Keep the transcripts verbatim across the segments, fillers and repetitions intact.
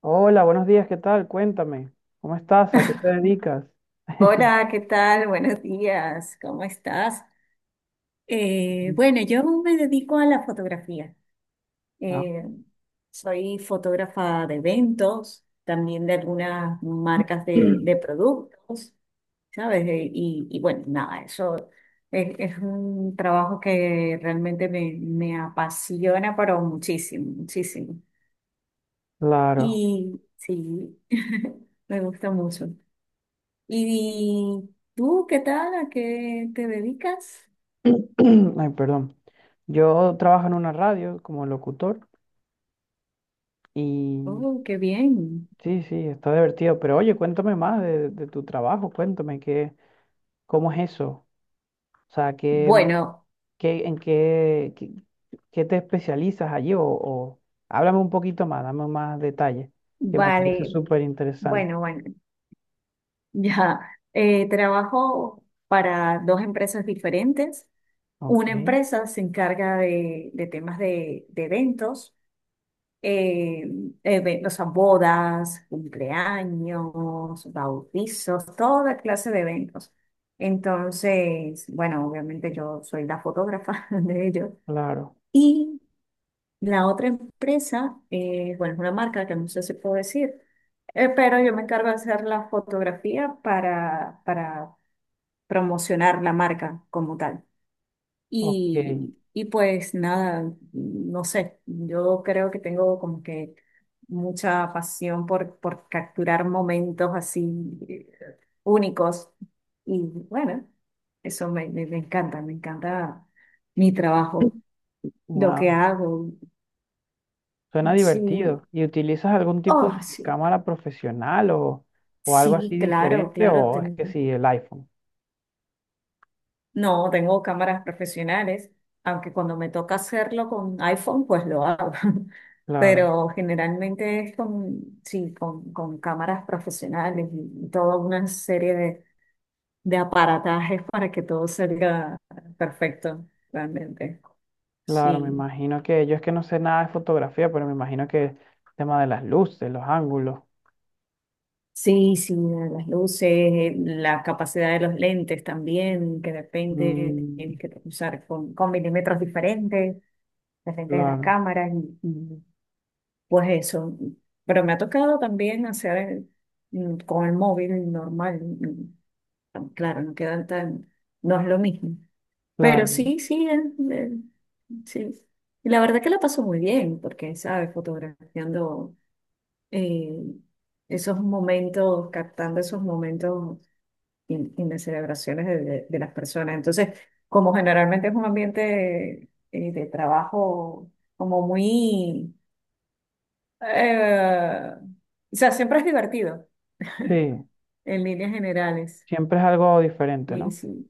Hola, buenos días, ¿qué tal? Cuéntame, ¿cómo estás? ¿A qué te dedicas? Hola, ¿qué tal? Buenos días, ¿cómo estás? Eh, bueno, yo me dedico a la fotografía. Ah, Eh, Soy fotógrafa de eventos, también de algunas marcas de, de productos, ¿sabes? Eh, Y, y bueno, nada, eso es, es un trabajo que realmente me, me apasiona, pero muchísimo, muchísimo. claro. Y sí, me gusta mucho. ¿Y tú qué tal? ¿A qué te dedicas? Ay, perdón. Yo trabajo en una radio como locutor y Oh, qué bien. sí, sí, está divertido. Pero oye, cuéntame más de, de tu trabajo, cuéntame qué, cómo es eso. O sea, qué, Bueno, qué, en qué, qué, qué te especializas allí o, o háblame un poquito más, dame más detalles, que me parece vale, súper interesante. bueno, bueno, ya. Eh, trabajo para dos empresas diferentes. Ok, Una empresa se encarga de, de temas de, de eventos, eh, eve- o sea, bodas, cumpleaños, bautizos, toda clase de eventos. Entonces, bueno, obviamente yo soy la fotógrafa de ellos. claro. Y la otra empresa, eh, bueno, es una marca que no sé si puedo decir, eh, pero yo me encargo de hacer la fotografía para, para promocionar la marca como tal. Ok, Y, y pues nada, no sé, yo creo que tengo como que mucha pasión por, por capturar momentos así eh, únicos. Y bueno, eso me, me me encanta, me encanta mi trabajo, lo que wow. hago. Suena Sí. divertido. ¿Y utilizas algún tipo Oh, de sí, cámara profesional o, o algo así sí, claro, diferente? claro. ¿O es que tengo- sí, el iPhone? No, tengo cámaras profesionales, aunque cuando me toca hacerlo con iPhone, pues lo hago. Claro, Pero generalmente es con, sí, con, con cámaras profesionales y toda una serie de, de aparatajes para que todo salga perfecto, realmente. claro, me Sí, imagino que yo es que no sé nada de fotografía, pero me imagino que el tema de las luces, los ángulos. sí, sí, las luces, la capacidad de los lentes también, que de repente Mm, tienes que usar con, con milímetros diferentes. De frente de las claro, cámaras y, y, pues eso. Pero me ha tocado también hacer mm, con el móvil normal. mm, mm, Claro, no quedan tan, no es lo mismo. Pero claro. sí, sí, es- es- sí. Y la verdad que la paso muy bien, porque, ¿sabes? Fotografiando eh, esos momentos, captando esos momentos y, y las celebraciones de, de- de las personas. Entonces, como generalmente es un ambiente eh, de trabajo como muy Eh, o sea, siempre es divertido, Sí, en líneas generales. siempre es algo diferente, Y ¿no? sí,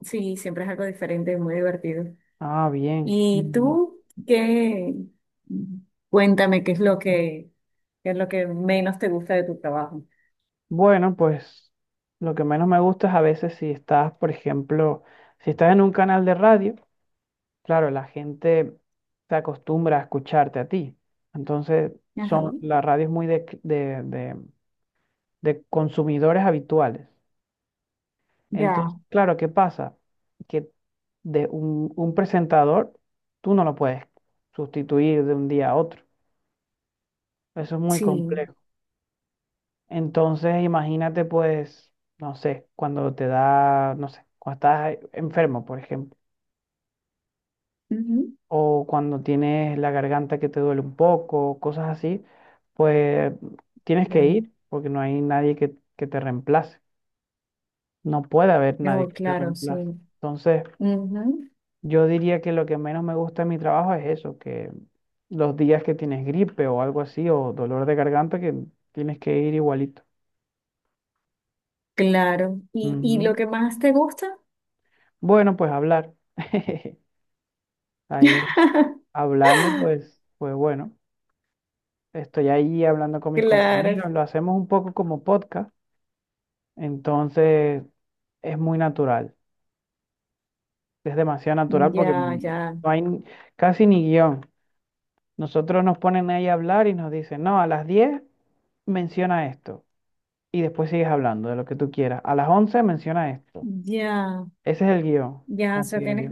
sí, siempre es algo diferente, muy divertido. Ah, bien. ¿Y Y tú qué? Cuéntame qué es lo que, qué es lo que menos te gusta de tu trabajo. bueno, pues lo que menos me gusta es a veces si estás, por ejemplo, si estás en un canal de radio. Claro, la gente se acostumbra a escucharte a ti. Entonces, Ajá. son, la radio es muy de, cl- de- de- de consumidores habituales. Ya, Entonces, claro, ¿qué pasa? Que de un, un presentador, tú no lo puedes sustituir de un día a otro. Eso es muy sí. complejo. Entonces, imagínate, pues, no sé, cuando te da, no sé, cuando estás enfermo, por ejemplo Ujú. o cuando tienes la garganta que te duele un poco, cosas así, pues tienes Ya. que ir porque no hay nadie que, que te reemplace. No puede haber Ya, nadie oh, que te claro, sí. reemplace. Entonces, Ujú. yo diría que lo que menos me gusta de mi trabajo es eso, que los días que tienes gripe o algo así, o dolor de garganta, que tienes que ir igualito. Claro. ¿Y, y lo Ujú. que más te gusta? Bueno, pues hablar. Ahí hablando, pues, pues bueno, estoy ahí hablando con mis Claro. compañeros, lo hacemos un poco como podcast. Entonces, es muy natural. Es demasiado natural porque Ya, no ya, hay ni- casi ni guión. Nosotros nos ponen ahí a hablar y nos dicen, no, a las diez menciona esto. Y después sigues hablando de lo que tú quieras. A las once menciona esto. ya. Ese es el guión. Ya, o Como sea, tienes, que,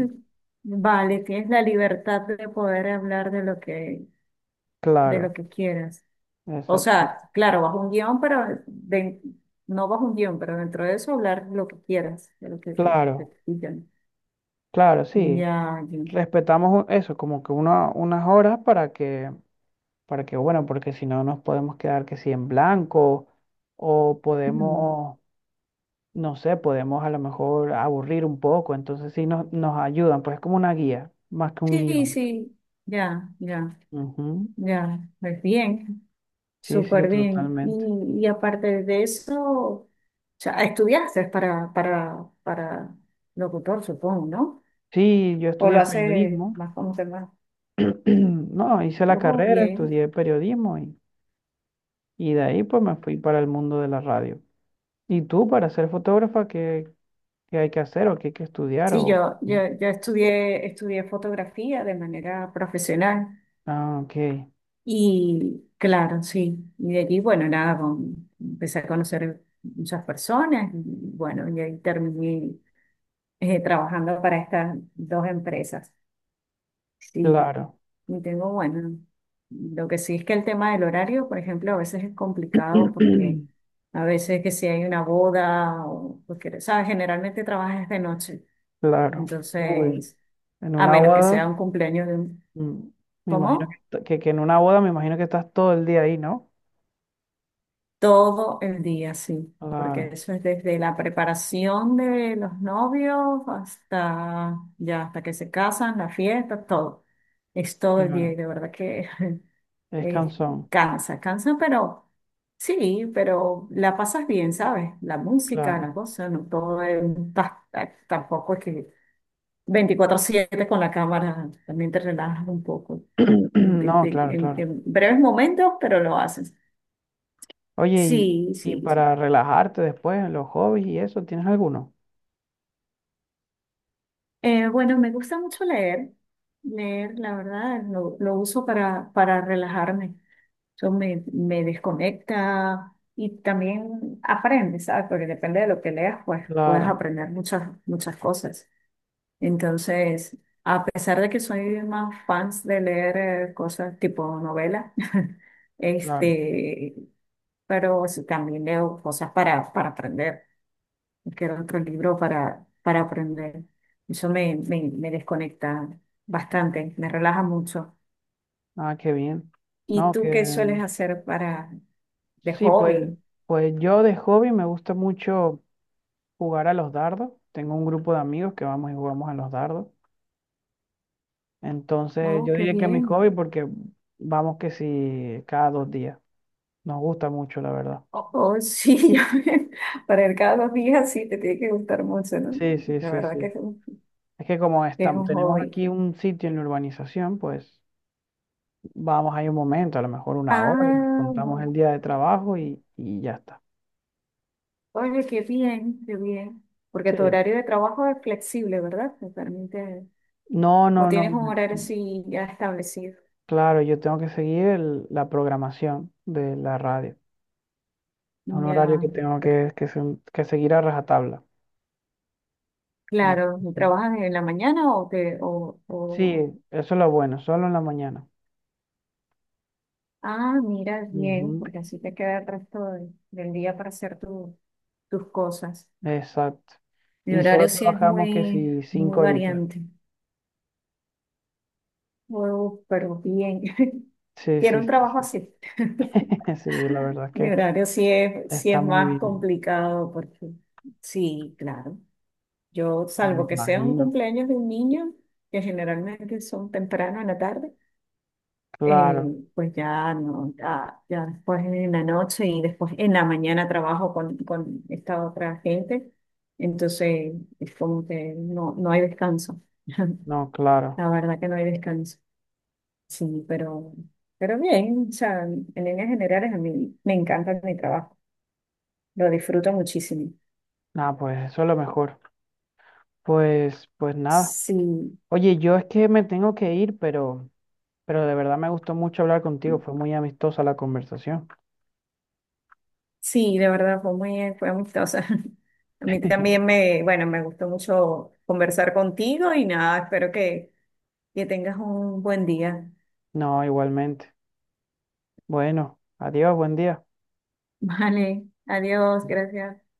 vale, tienes la libertad de poder hablar de lo que, de lo claro, que quieras. O exacto, sea, claro, bajo un guión, pero de- no bajo un guión, pero dentro de eso hablar lo que quieras, de lo que te, te claro, pidan. claro, sí. Ya, ya. Respetamos u- eso, como que una- unas horas para que, para que, bueno, porque si no nos podemos quedar que si en blanco o Mm. podemos no sé, podemos a lo mejor aburrir un poco, entonces sí nos, nos ayudan, pues es como una guía, más que un Sí, guión. sí, ya, ya, Ujú. ya. Pues bien, Sí, sí, súper bien. totalmente. Y, y aparte de eso, o sea, estudiaste para, para, para locutor, supongo, ¿no? Sí, yo O lo estudié hace periodismo, más como tema. no, hice la Oh, carrera, bien. estudié periodismo y, y de ahí pues me fui para el mundo de la radio. ¿Y tú para ser fotógrafa, qué, qué hay que hacer o qué hay que estudiar? Sí, O... yo, yo, yo estudié, estudié fotografía de manera profesional Ah, ok, y claro, sí. Y de allí, bueno, nada, con- empecé a conocer muchas personas y bueno, y ahí terminé eh, trabajando para estas dos empresas. Sí, claro, y tengo, bueno, lo que sí es que el tema del horario, por ejemplo, a veces es complicado porque a veces que si hay una boda o, porque, ¿sabes? Generalmente trabajas de noche. claro. Uy, Entonces... en A una menos que boda. sea un cumpleaños de un... Mm, me imagino que, ¿Cómo? t- que, que en una boda me imagino que estás todo el día ahí, ¿no? Todo el día, sí. Porque Claro, eso es desde la preparación de los novios hasta ya, hasta que se casan, la fiesta, todo. Es todo el día claro. y de verdad que Es eh, cansón, cansa, cansa, pero sí, pero la pasas bien, ¿sabes? La música, claro. la cosa, no todo es, ta- ta- tampoco es que veinticuatro siete con la cámara, también te relajas un poco. De- No, de- claro, En, claro. en breves momentos, pero lo haces. Oye, y, Sí, y sí, sí. para relajarte después, los hobbies y eso, ¿tienes alguno? Eh, bueno, me gusta mucho leer. Leer, la verdad, lo, lo uso para, para relajarme. Eso me, me desconecta y también aprendes, ¿sabes? Porque depende de lo que leas, pues puedes Claro, aprender muchas, muchas cosas. Entonces, a pesar de que soy más fans de leer eh, cosas tipo novela, claro. este, pero sí también leo cosas para, para aprender. Quiero otro libro para, para aprender. Eso me, me, me desconecta bastante, me relaja mucho. Ah, qué bien. ¿Y No, tú que qué sueles hacer para de sí, pues, hobby? pues yo de hobby me gusta mucho jugar a los dardos. Tengo un grupo de amigos que vamos y jugamos a los dardos. Entonces, Oh, yo qué diría que es mi hobby bien. porque vamos que sí cada dos días. Nos gusta mucho, la verdad. Oh, oh, sí, ya ven, para ir cada dos días sí te tiene que gustar mucho, ¿no? Sí, sí, La sí, verdad que sí. es un, Es que como que es estamos, un tenemos hobby. aquí un sitio en la urbanización, pues vamos ahí un momento, a lo mejor una hora, nos Ah, contamos muy. el día de trabajo y, y ya está. Oye, qué bien, qué bien. Porque tu Sí. horario de trabajo es flexible, ¿verdad? Te permite, No, o no, no. tienes un me- horario así ya establecido. Claro, yo tengo que seguir el- la programación de la radio. Es un horario Ya, que tengo pero, que, que, se- que seguir a rajatabla. Mm, claro, ¿trabajas en la mañana o te, o, sí, o... eso es lo bueno, solo en la mañana. Ah, mira, bien, Ujú, porque así te queda el resto de- del día para hacer tu- tus cosas. exacto. Mi Y solo horario sí es trabajamos que muy, si muy cinco horitas. variante. Oh, pero bien. Sí, Quiero sí, un sí, trabajo sí. Sí. así. Sí, la verdad es Mi que horario sí es, sí es está muy más bien, complicado porque sí, claro. Yo, me salvo que sea un imagino. cumpleaños de un niño, que generalmente son temprano en la tarde, eh, Claro, pues ya no, ya, ya después en la noche y después en la mañana trabajo con, con esta otra gente. Entonces es como que no, no hay descanso. no, claro. La verdad que no hay descanso. Sí, pero, pero bien, o sea, en líneas generales a mí me encanta mi trabajo. Lo disfruto muchísimo. Nada, pues eso es lo mejor. Pues, pues nada. Sí, Oye, yo es que me tengo que ir, pero, pero de verdad me gustó mucho hablar contigo. Fue muy amistosa la conversación. sí, de verdad fue muy, fue amistosa. A mí también me, bueno, me gustó mucho conversar contigo y nada, espero que, que tengas un buen día. No, igualmente. Bueno, adiós, buen día. Vale, adiós, gracias.